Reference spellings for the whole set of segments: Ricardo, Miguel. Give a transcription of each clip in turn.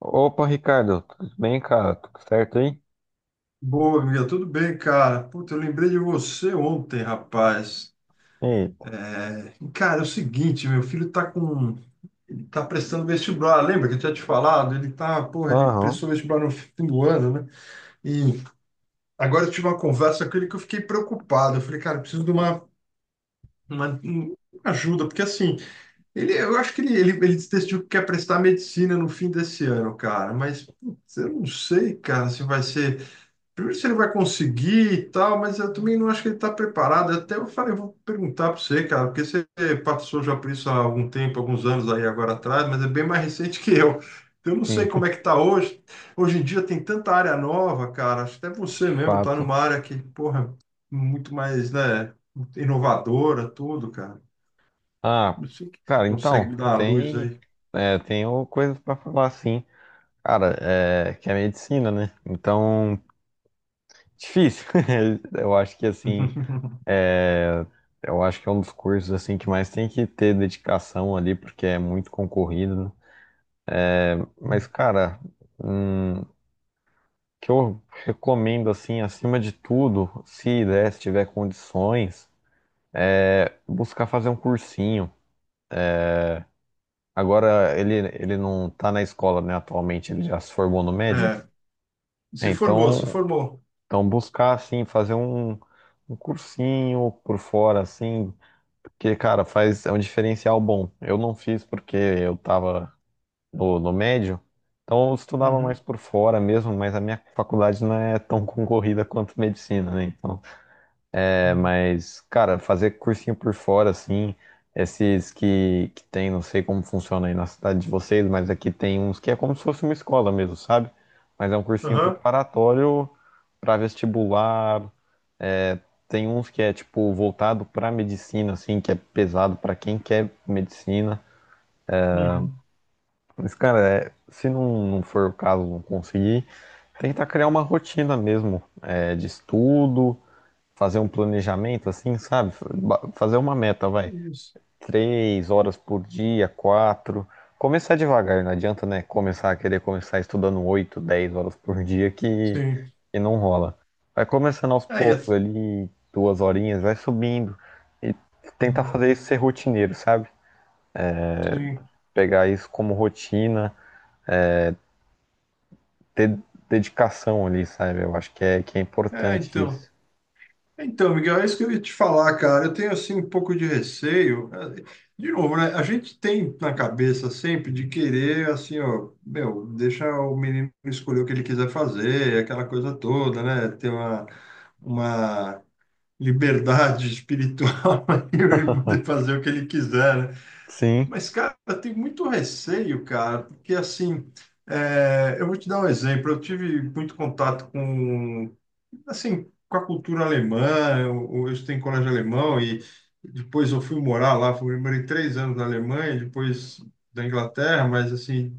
Opa, Ricardo, tudo bem, cara? Tudo certo aí? Boa, amiga, tudo bem, cara? Puta, eu lembrei de você ontem, rapaz. Eita. Cara, é o seguinte, meu filho tá com, ele tá prestando vestibular, lembra que eu tinha te falado? Porra, ele Aham. prestou vestibular no fim do ano, né? E agora eu tive uma conversa com ele que eu fiquei preocupado. Eu falei, cara, eu preciso de uma ajuda, porque assim, eu acho que ele decidiu que quer prestar medicina no fim desse ano, cara, mas putz, eu não sei, cara, se vai ser primeiro, se ele vai conseguir e tal, mas eu também não acho que ele está preparado. Até eu falei, eu vou perguntar para você, cara, porque você passou já por isso há algum tempo, alguns anos aí agora atrás, mas é bem mais recente que eu. Então, eu não sei Sim. como é que está hoje. Hoje em dia tem tanta área nova, cara. Acho que até você De mesmo está fato. numa área que, porra, muito mais, né, inovadora, tudo, cara. Ah, Não sei o que você cara, consegue então, me dar a luz aí. Tenho coisas pra falar, sim. Cara, é, que é medicina, né? Então, difícil. Eu acho que, assim, é, eu acho que é um dos cursos, assim, que mais tem que ter dedicação ali, porque é muito concorrido, né? Mas, cara, o que eu recomendo, assim, acima de tudo, se der, se tiver condições, buscar fazer um cursinho. Agora ele não tá na escola, né, atualmente, ele já se formou no médio. É, É, se formou, se então, formou. então buscar assim, fazer um cursinho por fora, assim, porque, cara, faz é um diferencial bom. Eu não fiz porque eu tava no médio, então eu estudava mais Uhum. por fora mesmo, mas a minha faculdade não é tão concorrida quanto medicina, né? Então. É, mas, cara, fazer cursinho por fora, assim, esses que tem, não sei como funciona aí na cidade de vocês, mas aqui tem uns que é como se fosse uma escola mesmo, sabe? Mas é um cursinho Aham. preparatório para vestibular. é, Tem uns que é, tipo, voltado pra medicina, assim, que é pesado pra quem quer medicina. Uhum. Mas, cara, é, se não for o caso, não conseguir, tentar criar uma rotina mesmo, é, de estudo, fazer um planejamento, assim, sabe? Fazer uma meta, vai. Isso. 3 horas por dia, 4. Começar devagar, não adianta, né? Começar a querer começar estudando 8, 10 horas por dia que, Sim. que não rola. Vai começando aos É, poucos ali, duas horinhas, vai subindo. E tentar fazer isso ser rotineiro, sabe? sim. Pegar isso como rotina, ter dedicação ali, sabe? Eu acho que é É, importante então. isso. Então, Miguel, é isso que eu ia te falar, cara. Eu tenho, assim, um pouco de receio. É, de novo, né? A gente tem na cabeça sempre de querer, assim, ó, meu, deixa o menino escolher o que ele quiser fazer, aquela coisa toda, né? Ter uma liberdade espiritual para poder fazer o que ele quiser, né. Sim. Mas, cara, tem muito receio, cara, porque assim, é, eu vou te dar um exemplo. Eu tive muito contato com, assim, com a cultura alemã. Eu estudei em colégio alemão e depois eu fui morar lá. Fui, morei 3 anos na Alemanha, depois da Inglaterra, mas assim,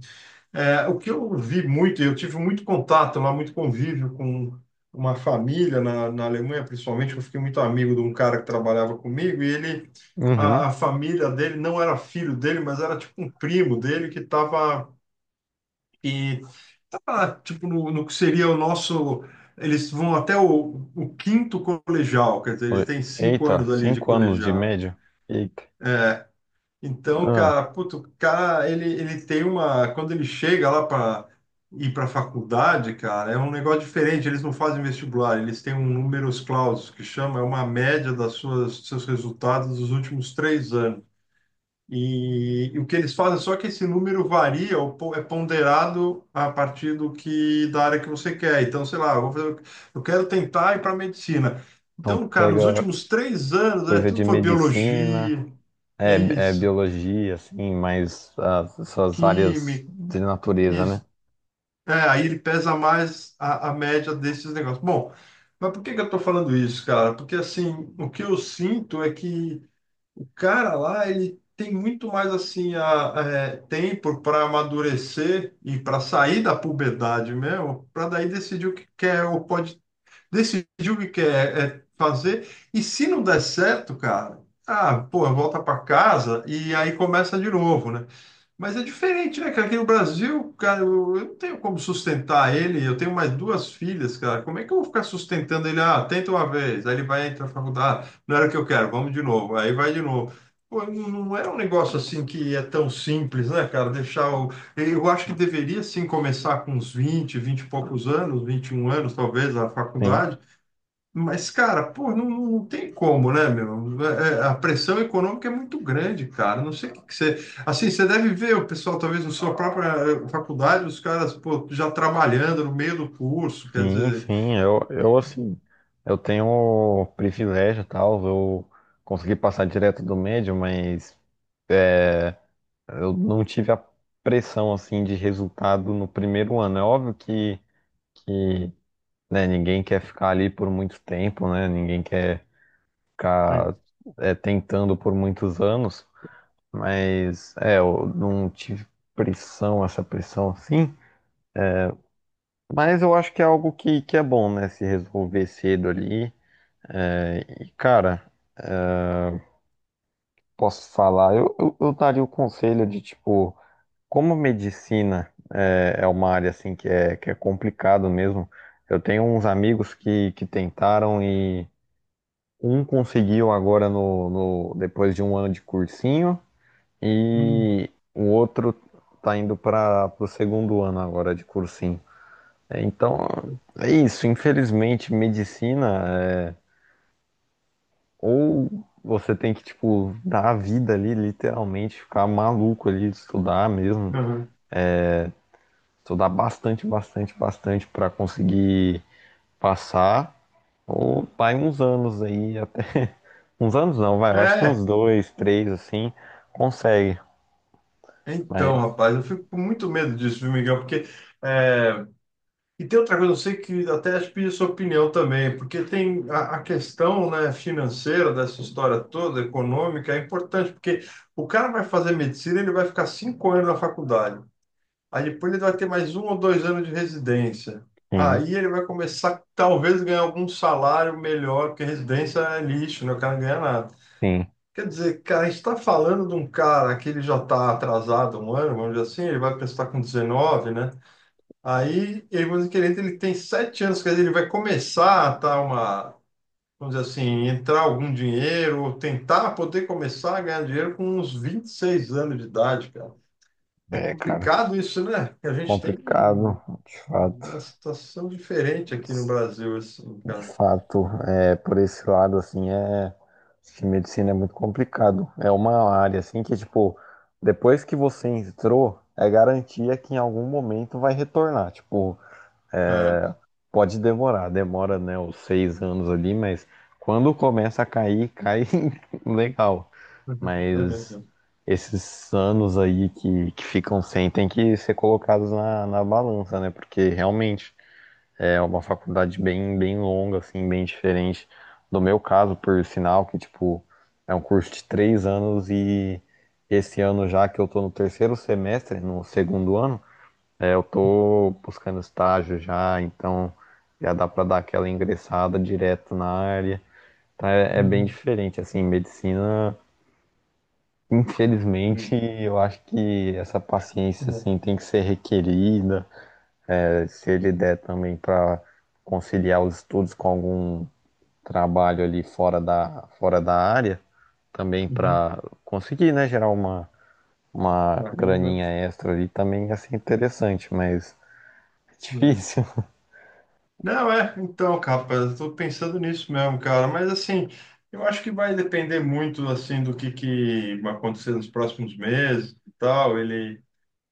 é, o que eu vi muito, eu tive muito contato lá, muito convívio com uma família na Alemanha, principalmente, eu fiquei muito amigo de um cara que trabalhava comigo, e ele, a, Uhum. a família dele não era filho dele, mas era tipo um primo dele que estava, e tava, tipo, no que seria o nosso, eles vão até o quinto colegial, quer dizer, eles têm cinco Eita, anos ali de 5 anos de colegial. média? Eita. É, então, cara, Ah, puto, o cara, ele tem uma. Quando ele chega lá para ir para a faculdade, cara, é um negócio diferente. Eles não fazem vestibular, eles têm um números clausus, que chama, é uma média das suas, dos seus resultados dos últimos 3 anos. E o que eles fazem, só que esse número varia, é ponderado a partir do que, da área que você quer. Então, sei lá, eu vou fazer, eu quero tentar ir para medicina. então Então, cara, nos pega últimos 3 anos, é, coisa de tudo foi medicina, biologia. é, é Isso, biologia, assim, mais as suas áreas química. de natureza, né? Isso. É, aí ele pesa mais a média desses negócios. Bom, mas por que que eu estou falando isso, cara? Porque assim, o que eu sinto é que o cara lá, ele tem muito mais assim a, é, tempo para amadurecer e para sair da puberdade mesmo, para daí decidir o que quer ou pode decidir o que quer é fazer. E se não der certo, cara, ah, pô, volta para casa e aí começa de novo, né? Mas é diferente, né, cara? Aqui no Brasil, cara, eu não tenho como sustentar ele. Eu tenho mais duas filhas, cara. Como é que eu vou ficar sustentando ele? Ah, tenta uma vez, aí ele vai entrar na faculdade. Ah, não era o que eu quero, vamos de novo. Aí vai de novo. Pô, não é um negócio assim que é tão simples, né, cara? Deixar o. Eu acho que deveria sim começar com uns vinte e poucos anos, 21 anos, talvez, a Sim, faculdade, mas, cara, pô, não, não tem como, né, meu? É, é, a pressão econômica é muito grande, cara. Não sei o que, que você. Assim, você deve ver o pessoal, talvez na sua própria faculdade, os caras, pô, já trabalhando no meio do curso, quer sim, dizer. sim. Eu assim, eu tenho o privilégio, tal, eu consegui passar direto do médio, mas é, eu não tive a pressão, assim, de resultado no primeiro ano. É óbvio que né, ninguém quer ficar ali por muito tempo, né? Ninguém quer Sim. ficar tentando por muitos anos. Mas é, eu não tive pressão, essa pressão assim. Mas eu acho que é algo que é bom, né? Se resolver cedo ali. É, e, cara, posso falar, eu daria o conselho de, tipo, como medicina é uma área assim que é complicado mesmo. Eu tenho uns amigos que tentaram e um conseguiu agora no, no, depois de um ano de cursinho Hum. e o outro tá indo para o segundo ano agora de cursinho. É, então, é isso. Infelizmente, medicina é, ou você tem que, tipo, dar a vida ali, literalmente, ficar maluco ali, estudar mesmo, Aham. estudar bastante, bastante, bastante para conseguir passar, ou vai uns anos aí, até. Uns anos não, vai, eu acho que uns É, dois, três, assim, consegue. então, Mas, rapaz, eu fico com muito medo disso, viu, Miguel? Porque. eh, E tem outra coisa, eu sei que até acho que pedi sua opinião também, porque tem a questão, né, financeira dessa história toda, econômica, é importante, porque o cara vai fazer medicina, ele vai ficar 5 anos na faculdade. Aí depois ele vai ter mais 1 ou 2 anos de residência. sim, Aí ele vai começar, talvez, ganhar algum salário melhor, porque residência é lixo, né? O cara não ganha nada. sim. Quer dizer, cara, a gente está falando de um cara que ele já está atrasado 1 ano, vamos dizer assim, ele vai prestar com 19, né? Aí, ele aí você querendo, ele tem 7 anos, quer dizer, ele vai começar a tá uma, vamos dizer assim, entrar algum dinheiro, ou tentar poder começar a ganhar dinheiro com uns 26 anos de idade, cara. É É, cara, complicado isso, né? A gente tem complicado, de fato. uma situação diferente aqui no Brasil, assim, De cara. fato, é, por esse lado, assim, acho que medicina é muito complicado. É uma área, assim, que, tipo, depois que você entrou, é garantia que em algum momento vai retornar. Tipo, É. é, pode demorar, demora, né, os 6 anos ali, mas quando começa a cair, cai legal. Mas esses anos aí que ficam sem tem que ser colocados na balança, né? Porque realmente é uma faculdade bem, bem longa, assim, bem diferente do meu caso, por sinal, que, tipo, é um curso de 3 anos e esse ano já que eu tô no terceiro semestre, no segundo ano, eu tô buscando estágio já, então já dá pra dar aquela ingressada direto na área. Então é, é bem Uhum. diferente, assim, medicina, infelizmente, eu acho que essa paciência, Uhum. assim, tem que ser requerida, se ele der também para conciliar os estudos com algum trabalho ali fora da área, também Uhum. para conseguir, né, gerar uma A renda. graninha extra ali, também ia ser interessante, mas é difícil. Não, é, então, cara, rapaz, eu tô pensando nisso mesmo, cara, mas assim, eu acho que vai depender muito, assim, do que vai acontecer nos próximos meses e tal, ele,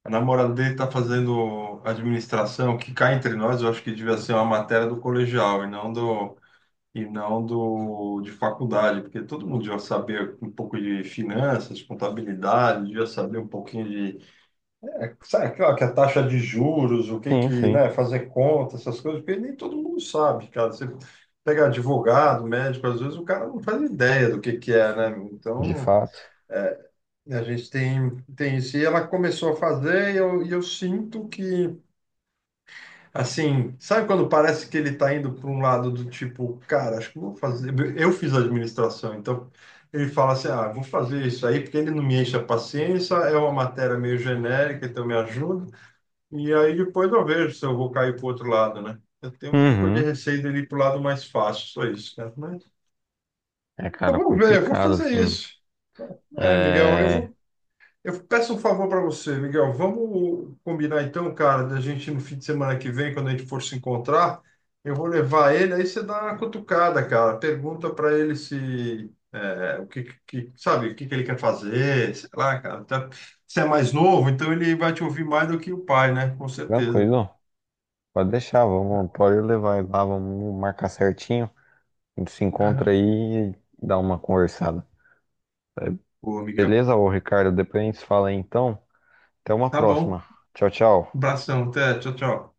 a namorada dele tá fazendo administração, que cá entre nós, eu acho que devia ser uma matéria do colegial e não do, de faculdade, porque todo mundo devia saber um pouco de finanças, contabilidade, devia saber um pouquinho é, sabe, claro que a taxa de juros, o que Sim, que, sim, né, fazer conta, essas coisas, porque nem todo mundo sabe, cara. Você pega advogado, médico, às vezes o cara não faz ideia do que é, né? de Então, fato. é, a gente tem isso. E ela começou a fazer e eu sinto que, assim, sabe quando parece que ele está indo para um lado do tipo, cara, acho que vou fazer. Eu fiz administração, então ele fala assim: ah, vou fazer isso aí porque ele não me enche a paciência, é uma matéria meio genérica, então me ajuda. E aí depois eu vejo se eu vou cair para o outro lado, né? Eu tenho um pouco de Uhum. receio de ir para o lado mais fácil, só isso, cara. Mas É, eu cara, vou ver, eu vou complicado, fazer assim. isso. É, Miguel, É... eu peço um favor para você, Miguel. Vamos combinar então, cara, da gente no fim de semana que vem, quando a gente for se encontrar, eu vou levar ele, aí você dá uma cutucada, cara. Pergunta para ele se é, o que, que sabe, o que que ele quer fazer, sei lá, cara. Você é mais novo, então ele vai te ouvir mais do que o pai, né? Com certeza. Tranquilo, pode deixar, vamos, pode levar lá, vamos marcar certinho. A gente se encontra Aham. aí e dá uma conversada. Boa, Miguel. Beleza, ô Ricardo? Depois a gente se fala aí, então. Até uma Tá bom. próxima. Tchau, Um tchau. abração, até. Tchau, tchau.